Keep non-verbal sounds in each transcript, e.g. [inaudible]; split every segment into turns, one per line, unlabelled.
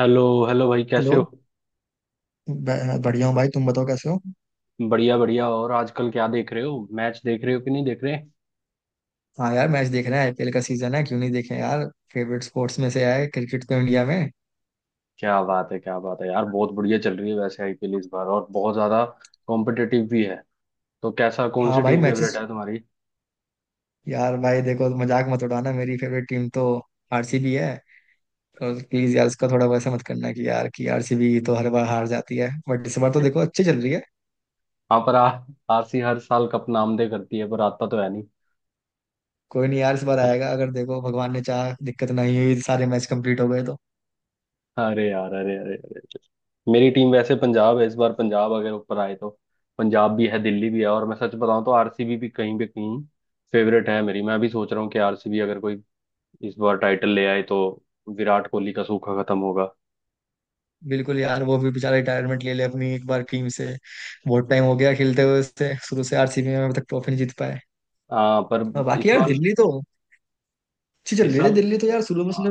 Hello hello भाई कैसे
hello.
हो।
बढ़िया हूँ भाई, तुम बताओ कैसे हो।
बढ़िया बढ़िया। और आजकल क्या देख रहे हो, मैच देख रहे हो कि नहीं देख रहे।
हाँ यार, मैच देख रहे हैं, आईपीएल का सीजन है, क्यों नहीं देखें यार। फेवरेट स्पोर्ट्स में से है क्रिकेट, तो इंडिया में।
क्या बात है यार, बहुत बढ़िया चल रही है वैसे आईपीएल इस बार, और बहुत ज्यादा कॉम्पिटिटिव भी है। तो कैसा कौन
हाँ
सी
भाई,
टीम फेवरेट
मैचेस।
है तुम्हारी।
यार भाई देखो, मजाक मत उड़ाना, मेरी फेवरेट टीम तो आरसीबी है। तो प्लीज यार उसका थोड़ा वैसा मत करना कि यार कि आरसीबी तो हर बार हार जाती है, बट इस बार तो देखो अच्छी चल रही है।
हाँ पर आरसी हर साल कप नामदे करती है पर आता तो है नहीं।
कोई नहीं यार, इस बार
[laughs]
आएगा, अगर देखो भगवान ने चाहा, दिक्कत नहीं हुई, सारे मैच कंप्लीट हो गए तो।
अरे यार, अरे अरे अरे मेरी टीम वैसे पंजाब है, इस बार पंजाब अगर ऊपर आए तो। पंजाब भी है, दिल्ली भी है, और मैं सच बताऊं तो आरसीबी भी कहीं पे कहीं फेवरेट है मेरी। मैं भी सोच रहा हूँ कि आरसीबी अगर कोई इस बार टाइटल ले आए तो विराट कोहली का सूखा खत्म होगा।
बिल्कुल यार, वो भी बेचारा रिटायरमेंट ले ले अपनी एक बार टीम से। बहुत टाइम हो गया खेलते हुए उससे, शुरू से आरसीबी में, अब तक ट्रॉफी नहीं जीत पाए।
पर
और बाकी
इस
यार
बार,
दिल्ली तो अच्छी चल
इस
रही थी,
साल
दिल्ली तो यार शुरू में
आ,
उसने।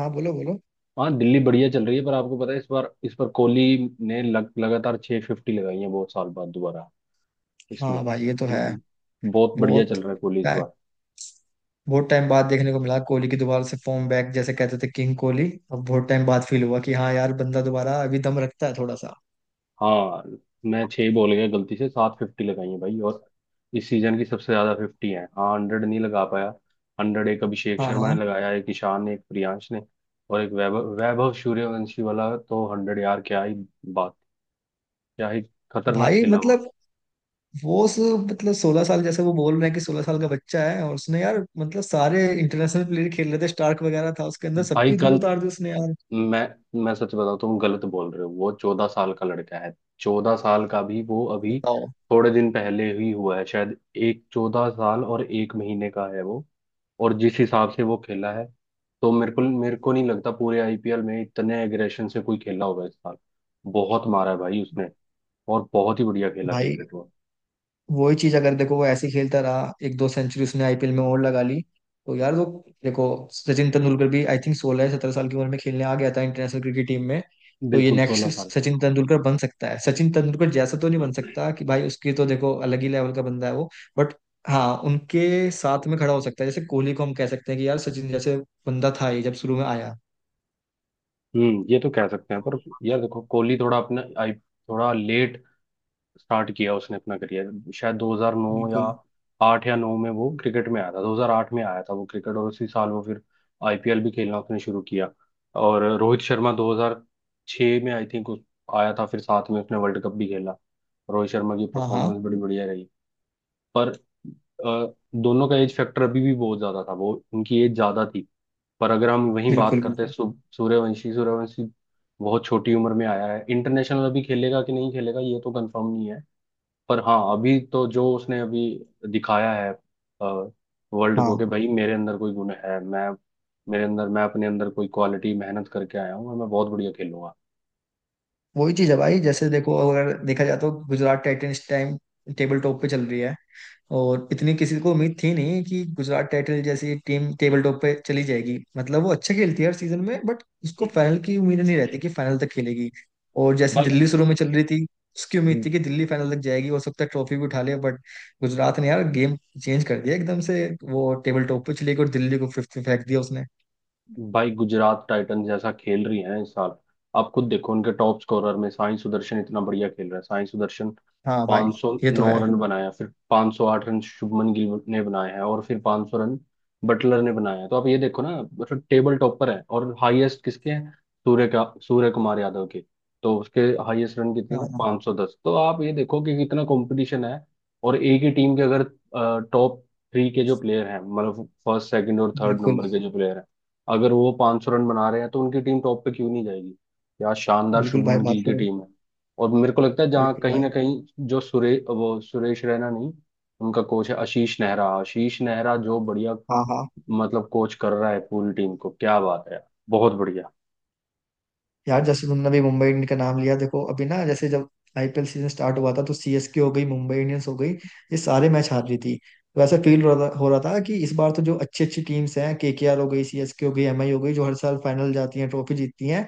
हाँ, बोलो बोलो।
हाँ दिल्ली बढ़िया चल रही है। पर आपको पता है इस बार, इस बार कोहली ने लगातार 6 फिफ्टी लगाई है बहुत साल बाद दोबारा इसमें।
हाँ भाई ये तो है।
बहुत बढ़िया
बहुत
चल रहा है कोहली इस बार।
बहुत टाइम बाद देखने को मिला कोहली की दोबारा से फॉर्म बैक। जैसे कहते थे किंग कोहली, अब बहुत टाइम बाद फील हुआ कि हाँ यार बंदा दोबारा अभी दम रखता है थोड़ा सा।
हाँ मैं छह बॉल गया गलती से, 7 फिफ्टी लगाई है भाई, और इस सीजन की सबसे ज्यादा फिफ्टी है। हाँ हंड्रेड नहीं लगा पाया। हंड्रेड एक अभिषेक
हाँ
शर्मा ने
हाँ।
लगाया, एक ईशान ने, एक प्रियांश ने, और एक वैभव, वैभव सूर्यवंशी वाला। तो हंड्रेड यार, क्या ही बात, क्या ही खतरनाक
भाई
खेला वो।
मतलब, वो उस मतलब 16 साल, जैसे वो बोल रहे हैं कि 16 साल का बच्चा है, और उसने यार मतलब सारे इंटरनेशनल प्लेयर खेल रहे थे, स्टार्क वगैरह था उसके अंदर,
भाई
सबकी धूल
गलत,
उतार दी उसने यार।
मैं मैं सच बताऊं तुम गलत बोल रहे हो, वो 14 साल का लड़का है। 14 साल का भी वो अभी
बताओ।
थोड़े दिन पहले ही हुआ है शायद, एक 14 साल और 1 महीने का है वो। और जिस हिसाब से वो खेला है, तो मेरे को नहीं लगता पूरे आईपीएल में इतने एग्रेशन से कोई खेला होगा इस साल। बहुत मारा है भाई उसने, और बहुत ही बढ़िया खेला
भाई
क्रिकेट वो।
वही चीज, अगर देखो वो ऐसे ही खेलता रहा, एक दो सेंचुरी उसने आईपीएल में और लगा ली, तो यार वो देखो, सचिन तेंदुलकर भी आई थिंक 16-17 साल की उम्र में खेलने आ गया था इंटरनेशनल क्रिकेट टीम में। तो ये
बिल्कुल
नेक्स्ट
16 साल।
सचिन तेंदुलकर बन सकता है। सचिन तेंदुलकर जैसा तो नहीं बन सकता, कि भाई उसकी तो देखो अलग ही लेवल का बंदा है वो। बट हाँ, उनके साथ में खड़ा हो सकता है, जैसे कोहली को हम कह सकते हैं कि यार सचिन जैसे बंदा था ये जब शुरू में आया।
हम्म, ये तो कह सकते हैं, पर यार देखो कोहली थोड़ा अपना आई थोड़ा लेट स्टार्ट किया उसने अपना करियर, शायद 2009 या
बिल्कुल।
आठ या नौ में वो क्रिकेट में आया था। 2008 में आया था वो क्रिकेट, और उसी साल वो फिर आईपीएल भी खेलना उसने शुरू किया। और रोहित शर्मा 2006 में आई थिंक आया था, फिर साथ में उसने वर्ल्ड कप भी खेला। रोहित शर्मा की
हाँ हाँ।
परफॉर्मेंस बड़ी बढ़िया रही। पर अ, दोनों का एज फैक्टर अभी भी बहुत ज्यादा था, वो उनकी एज ज्यादा थी। पर अगर हम वही बात
बिल्कुल
करते हैं
बिल्कुल।
सूर्यवंशी, सूर्यवंशी बहुत छोटी उम्र में आया है। इंटरनेशनल अभी खेलेगा कि नहीं खेलेगा ये तो कंफर्म नहीं है, पर हाँ अभी तो जो उसने अभी दिखाया है वर्ल्ड को
हाँ
कि भाई मेरे अंदर कोई गुण है, मैं अपने अंदर कोई क्वालिटी मेहनत करके आया हूँ और मैं बहुत बढ़िया खेलूंगा।
वही चीज है भाई, जैसे देखो अगर देखा जाए तो Gujarat Titans time table top पे चल रही है, और इतनी किसी को उम्मीद थी नहीं कि गुजरात टाइटंस जैसी टीम टेबल टॉप पे चली जाएगी। मतलब वो अच्छा खेलती है हर सीजन में, बट उसको फाइनल की उम्मीद नहीं रहती कि फाइनल तक खेलेगी। और जैसे
भाई
दिल्ली शुरू में चल रही थी, उसकी उम्मीद थी कि दिल्ली फाइनल तक जाएगी, हो सकता है ट्रॉफी भी उठा ले, बट गुजरात ने यार गेम चेंज कर दिया एकदम से। वो टेबल टॉप पे चली गई और दिल्ली को फिफ्थ में फेंक दिया उसने।
भाई गुजरात टाइटंस जैसा खेल रही हैं इस साल, आप खुद देखो। उनके टॉप स्कोरर में साई सुदर्शन इतना बढ़िया खेल रहा है, साई सुदर्शन
हाँ भाई ये तो है।
509 रन बनाया। फिर 508 रन शुभमन गिल ने बनाए हैं, और फिर 500 रन बटलर ने बनाए हैं। तो आप ये देखो ना, मतलब टेबल टॉपर है। और हाईएस्ट किसके हैं, सूर्य का, सूर्य कुमार यादव के। तो उसके हाईएस्ट रन कितने
हाँ
हैं,
हाँ,
510। तो आप ये देखो कि कितना कंपटीशन है। और एक ही टीम के अगर टॉप थ्री के जो प्लेयर हैं, मतलब फर्स्ट सेकंड और थर्ड
बिल्कुल
नंबर के जो प्लेयर हैं, अगर वो 500 रन बना रहे हैं तो उनकी टीम टॉप पे क्यों नहीं जाएगी। क्या शानदार
बिल्कुल। भाई
शुभमन
बात
गिल की
करो।
टीम है। और मेरे को लगता है जहाँ
बिल्कुल
कहीं ना
भाई।
कहीं जो सुरे, वो सुरेश रैना नहीं, उनका कोच है आशीष नेहरा। आशीष नेहरा जो बढ़िया
हाँ हाँ।
मतलब कोच कर रहा है पूरी टीम को, क्या बात है यार, बहुत बढ़िया।
यार जैसे तुमने अभी मुंबई इंडियंस का नाम लिया, देखो अभी ना, जैसे जब आईपीएल सीजन स्टार्ट हुआ था, तो सीएसके हो गई, मुंबई इंडियंस हो गई, ये सारे मैच हार रही थी। तो ऐसा फील हो रहा था कि इस बार तो जो अच्छी अच्छी टीम्स हैं, केकेआर हो गई, सीएसके हो गई, एमआई हो गई, जो हर साल फाइनल जाती हैं, ट्रॉफी जीतती हैं,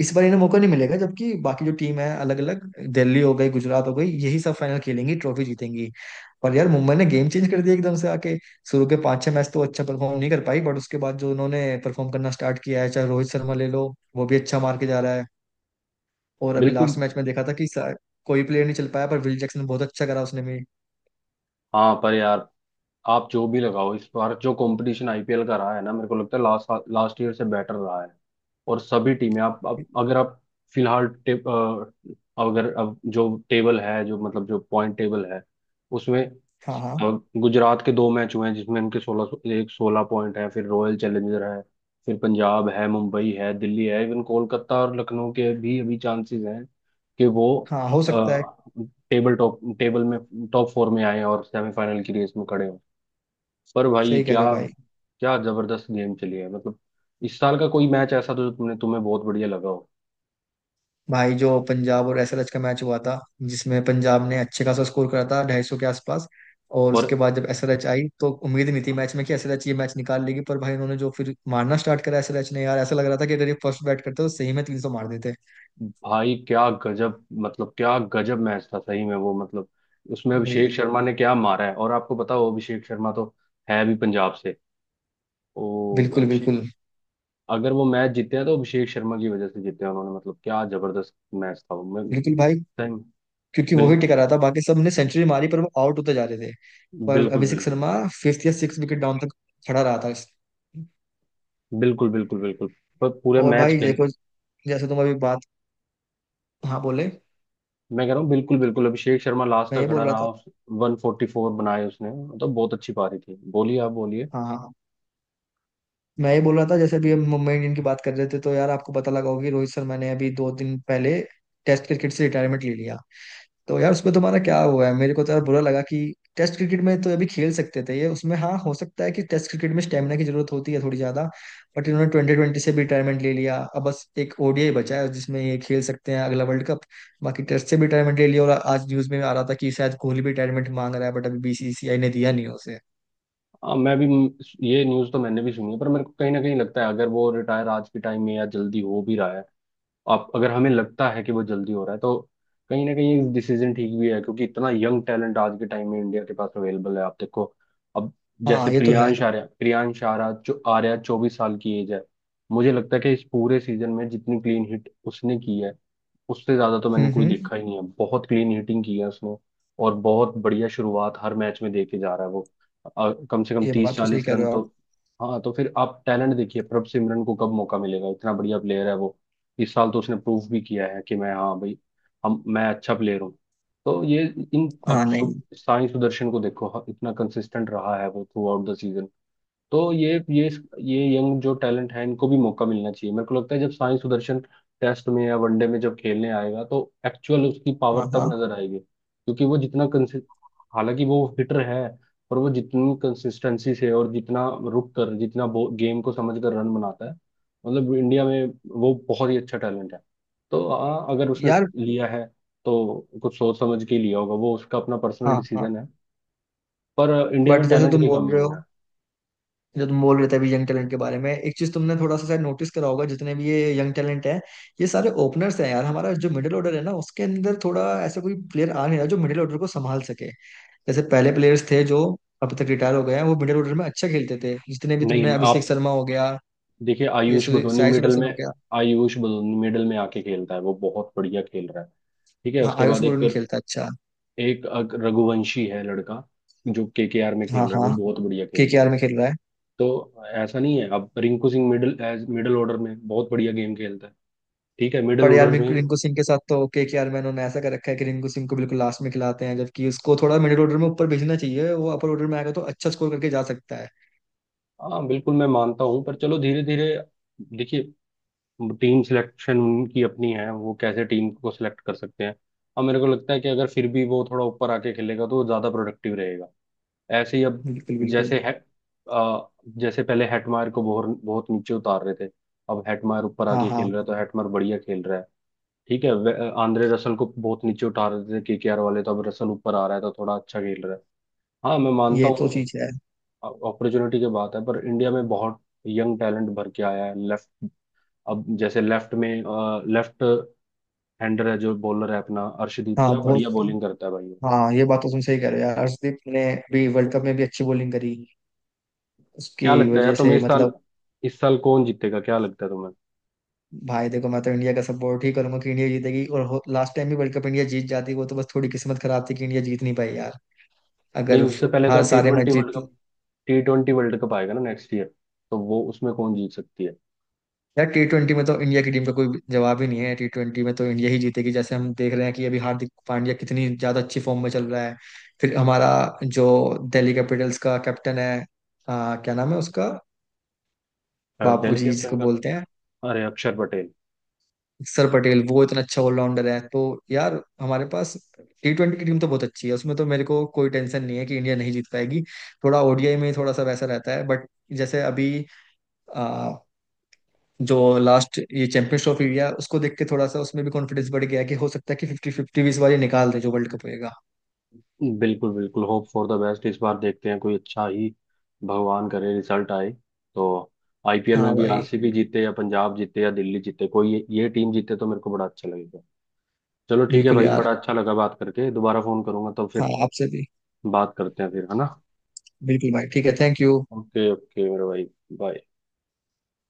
इस बार इन्हें मौका नहीं मिलेगा। जबकि बाकी जो टीम है अलग अलग, दिल्ली हो गई, गुजरात हो गई, यही सब फाइनल खेलेंगी, ट्रॉफी जीतेंगी। पर यार मुंबई ने गेम चेंज कर दिया एकदम से आके। शुरू के पांच छह मैच तो अच्छा परफॉर्म नहीं कर पाई, बट उसके बाद जो उन्होंने परफॉर्म करना स्टार्ट किया है, चाहे रोहित शर्मा ले लो, वो भी अच्छा मार के जा रहा है। और अभी
बिल्कुल।
लास्ट मैच में देखा था कि कोई प्लेयर नहीं चल पाया, पर विल जैक्सन बहुत अच्छा करा उसने भी।
हाँ पर यार आप जो भी लगाओ, इस बार जो कंपटीशन आईपीएल का रहा है ना, मेरे को लगता है लास्ट, लास्ट ईयर से बेटर रहा है। और सभी टीमें आप अगर आप फिलहाल अगर अब जो टेबल है, जो मतलब जो पॉइंट टेबल है उसमें,
हाँ हाँ
अ, गुजरात के दो मैच हुए हैं जिसमें उनके 16 पॉइंट है। फिर रॉयल चैलेंजर है, फिर पंजाब है, मुंबई है, दिल्ली है, इवन कोलकाता और लखनऊ के भी अभी चांसेस हैं कि वो
हाँ, हो सकता है।
टेबल में टॉप 4 में आए और सेमीफाइनल की रेस में खड़े हों। पर भाई
सही कह
क्या,
रहे हो भाई।
जबरदस्त गेम चली है मतलब। इस साल का कोई मैच ऐसा तो जो तुमने, तुम्हें बहुत बढ़िया लगा हो।
भाई जो पंजाब और एसएलएच का मैच हुआ था, जिसमें पंजाब ने अच्छे खासा स्कोर करा था 250 के आसपास, और
और
उसके बाद जब एसएलएच आई तो उम्मीद नहीं थी मैच में कि एसएलएच ये मैच निकाल लेगी, पर भाई उन्होंने जो फिर मारना स्टार्ट करा एसएलएच ने, यार ऐसा लग रहा था कि अगर ये फर्स्ट बैट करते तो सही में 300 मार देते।
भाई क्या गजब, मतलब क्या गजब मैच था सही में वो, मतलब उसमें अभिषेक
भाई।
शर्मा ने क्या मारा है। और आपको पता हो, अभिषेक शर्मा तो है भी पंजाब से। ओ
बिल्कुल
अभिषेक,
बिल्कुल
अगर वो मैच जीते हैं तो अभिषेक शर्मा की वजह से जीते हैं उन्होंने। मतलब क्या जबरदस्त मैच था वो, मैं
बिल्कुल। भाई,
सही।
क्योंकि वो ही
बिल,
टिका रहा था, बाकी सब ने सेंचुरी मारी पर वो आउट होते जा रहे थे। पर
बिल्कुल
अभिषेक
बिल्कुल
शर्मा फिफ्थ या सिक्स विकेट डाउन तक खड़ा रहा था।
बिल्कुल बिल्कुल बिल्कुल पर पूरे
और
मैच
भाई
खेल,
देखो, जैसे तुम अभी बात, हाँ बोले।
मैं कह रहा हूँ बिल्कुल, बिल्कुल अभिषेक शर्मा लास्ट
मैं
तक
ये बोल
खड़ा
रहा
रहा,
था।
उस 144 बनाए उसने, मतलब बहुत अच्छी पारी थी। बोलिए आप, बोलिए।
हाँ हाँ हाँ। मैं ये बोल रहा था, जैसे अभी हम मुंबई इंडियन की बात कर रहे थे, तो यार आपको पता लगा होगा कि रोहित शर्मा ने अभी 2 दिन पहले टेस्ट क्रिकेट से रिटायरमेंट ले लिया। तो यार उसमें तुम्हारा क्या हुआ है, मेरे को तो यार बुरा लगा कि टेस्ट क्रिकेट में तो अभी खेल सकते थे ये, उसमें हाँ हो सकता है कि टेस्ट क्रिकेट में स्टेमिना की जरूरत होती है थोड़ी ज्यादा, बट इन्होंने ट्वेंटी ट्वेंटी से भी रिटायरमेंट ले लिया। अब बस एक ओडीआई बचा है जिसमें ये खेल सकते हैं, अगला वर्ल्ड कप। बाकी टेस्ट से भी रिटायरमेंट ले लिया, और आज न्यूज में आ रहा था कि शायद कोहली भी रिटायरमेंट मांग रहा है, बट अभी बीसीसीआई ने दिया नहीं है उसे।
हाँ, मैं भी ये न्यूज़ तो मैंने भी सुनी है। पर मेरे को कहीं ना कहीं लगता है, अगर वो रिटायर आज के टाइम में या जल्दी हो भी रहा है, आप अगर हमें लगता है कि वो जल्दी हो रहा है, तो कहीं ना कहीं डिसीजन ठीक भी है। क्योंकि इतना यंग टैलेंट आज के टाइम में इंडिया के पास अवेलेबल है, आप देखो अब।
हाँ
जैसे
ये तो है।
प्रियांश आर्या, प्रियांश आर्या जो आर्या 24 साल की एज है, मुझे लगता है कि इस पूरे सीजन में जितनी क्लीन हिट उसने की है, उससे ज्यादा तो मैंने कोई
हम्म।
देखा ही नहीं है। बहुत क्लीन हिटिंग की है उसने, और बहुत बढ़िया शुरुआत हर मैच में दे के जा रहा है वो। कम से कम
ये
तीस
बात तो सही
चालीस
कह रहे
रन
हो
तो।
आप।
हाँ तो फिर आप टैलेंट देखिए, प्रभ सिमरन को कब मौका मिलेगा, इतना बढ़िया प्लेयर है वो। इस साल तो उसने प्रूव भी किया है कि मैं, हाँ भाई, हम मैं अच्छा प्लेयर हूँ। तो ये इन, अब
हाँ नहीं।
साई सुदर्शन को देखो, इतना कंसिस्टेंट रहा है वो थ्रू आउट द सीजन। तो ये यंग जो टैलेंट है इनको भी मौका मिलना चाहिए। मेरे को लगता है जब साई सुदर्शन टेस्ट में या वनडे में जब खेलने आएगा, तो एक्चुअल उसकी पावर
हाँ
तब
हाँ
नजर आएगी। क्योंकि वो जितना कंसि, हालांकि वो हिटर है, पर वो जितनी कंसिस्टेंसी से और जितना रुक कर, जितना गेम को समझ कर रन बनाता है, मतलब इंडिया में वो बहुत ही अच्छा टैलेंट है। तो हाँ, अगर उसने
यार।
लिया है तो कुछ सोच समझ के ही लिया होगा, वो उसका अपना पर्सनल
हाँ हाँ।
डिसीजन है। पर इंडिया में
बट जैसे
टैलेंट
तुम
की
बोल
कमी
रहे
नहीं
हो,
है।
जो तुम बोल रहे थे अभी यंग टैलेंट के बारे में, एक चीज तुमने थोड़ा सा शायद नोटिस करा होगा, जितने भी ये यंग टैलेंट है, ये सारे ओपनर्स हैं यार। हमारा जो मिडिल ऑर्डर है ना, उसके अंदर थोड़ा ऐसा कोई प्लेयर आ नहीं रहा जो मिडिल ऑर्डर को संभाल सके। जैसे पहले प्लेयर्स थे जो अब तक रिटायर हो गए हैं, वो मिडिल ऑर्डर में अच्छा खेलते थे। जितने भी, तुमने
नहीं
अभिषेक
आप
शर्मा हो गया,
देखिए,
ये साई सुदर्शन हो गया।
आयुष बदोनी मिडल में आके खेलता है, वो बहुत बढ़िया खेल रहा है। ठीक है,
हाँ
उसके
आयुष
बाद एक
बोरुन खेलता है, अच्छा।
एक रघुवंशी है लड़का, जो केकेआर में
हाँ
खेल रहा है
हाँ,
वो बहुत बढ़िया खेल रहा
केकेआर
है।
में खेल रहा है।
तो ऐसा नहीं है। अब Rinku Singh middle age, middle order में बहुत बढ़िया गेम खेलता है, ठीक है मिडल
पर यार
ऑर्डर
मेरे
में।
को रिंकू सिंह के साथ तो ओके कि यार, मैंने उन्होंने ऐसा कर रखा है कि रिंकू सिंह को बिल्कुल लास्ट में खिलाते हैं, जबकि उसको थोड़ा मिडिल ऑर्डर में ऊपर भेजना चाहिए, वो अपर ऑर्डर में आएगा तो अच्छा स्कोर करके जा सकता है।
हाँ बिल्कुल मैं मानता हूँ, पर चलो धीरे धीरे देखिए। टीम सिलेक्शन उनकी अपनी है, वो कैसे टीम को सिलेक्ट कर सकते हैं। अब मेरे को लगता है कि अगर फिर भी वो थोड़ा ऊपर आके खेलेगा तो वो ज्यादा प्रोडक्टिव रहेगा। ऐसे ही अब
बिल्कुल बिल्कुल।
जैसे है, आ, जैसे पहले हेटमायर को बहुत बहुत नीचे उतार रहे थे, अब हेटमायर ऊपर
हाँ
आके
हाँ,
खेल रहा है तो हेटमायर बढ़िया खेल रहा है। ठीक है। आंद्रे रसल को बहुत नीचे उठा रहे थे केकेआर वाले, तो अब रसल ऊपर आ रहा है तो थोड़ा अच्छा खेल रहा है। हाँ मैं मानता
ये तो
हूँ,
चीज है।
अपॉर्चुनिटी की बात है। पर इंडिया में बहुत यंग टैलेंट भर के आया है। लेफ्ट, अब जैसे लेफ्ट में, लेफ्ट हैंडर है जो बॉलर है अपना अर्शदीप,
हाँ
क्या
बहुत।
बढ़िया बॉलिंग करता है भाई वो।
हाँ, ये बात तो तुम सही कह रहे हो यार, हर्षदीप ने भी वर्ल्ड कप में भी अच्छी बॉलिंग करी, उसकी
क्या लगता है यार
वजह
तुम्हें
से
इस साल,
मतलब।
इस साल कौन जीतेगा, क्या लगता है तुम्हें।
भाई देखो, मैं तो इंडिया का सपोर्ट ही करूंगा कि इंडिया जीतेगी, और लास्ट टाइम भी वर्ल्ड कप इंडिया जीत जाती, वो तो बस थोड़ी किस्मत खराब थी कि इंडिया जीत नहीं पाई यार, अगर
नहीं, उससे पहले
हर
तो टी
सारे मैच
ट्वेंटी वर्ल्ड
जीत।
Cup, T twenty world cup आएगा ना नेक्स्ट ईयर, तो वो उसमें कौन जीत सकती है।
यार टी ट्वेंटी में तो इंडिया की टीम का कोई जवाब ही नहीं है, टी ट्वेंटी में तो इंडिया ही जीतेगी, जैसे हम देख रहे हैं कि अभी हार्दिक पांड्या कितनी ज्यादा अच्छी फॉर्म में चल रहा है। फिर हमारा जो दिल्ली कैपिटल्स का कैप्टन है, क्या नाम है उसका, बापू
दिल्ली
जी
कैपिटन
जिसको
का तो,
बोलते हैं,
अरे अक्षर पटेल।
सर पटेल, वो इतना अच्छा ऑलराउंडर है। तो यार हमारे पास टी ट्वेंटी की टीम तो बहुत अच्छी है, उसमें तो मेरे को कोई टेंशन नहीं है कि इंडिया नहीं जीत पाएगी। थोड़ा ओडीआई में थोड़ा सा वैसा रहता है, बट जैसे अभी जो लास्ट ये चैंपियंस ट्रॉफी हुई है, उसको देख के थोड़ा सा उसमें भी कॉन्फिडेंस बढ़ गया है, कि हो सकता है कि फिफ्टी फिफ्टी भी इस बार ये निकाल दे जो वर्ल्ड कप होएगा।
बिल्कुल बिल्कुल, होप फॉर द बेस्ट, इस बार देखते हैं कोई अच्छा ही, भगवान करे रिजल्ट आए। तो आईपीएल
हाँ
में भी
भाई।
आरसीबी जीते या पंजाब जीते या दिल्ली जीते, कोई ये टीम जीते तो मेरे को बड़ा अच्छा लगेगा। चलो ठीक है
बिल्कुल
भाई,
यार।
बड़ा अच्छा लगा बात करके, दोबारा फोन करूंगा तो फिर
हाँ आपसे भी।
बात करते हैं, फिर है ना।
बिल्कुल भाई, ठीक है, थैंक यू।
ओके ओके मेरे भाई, बाय।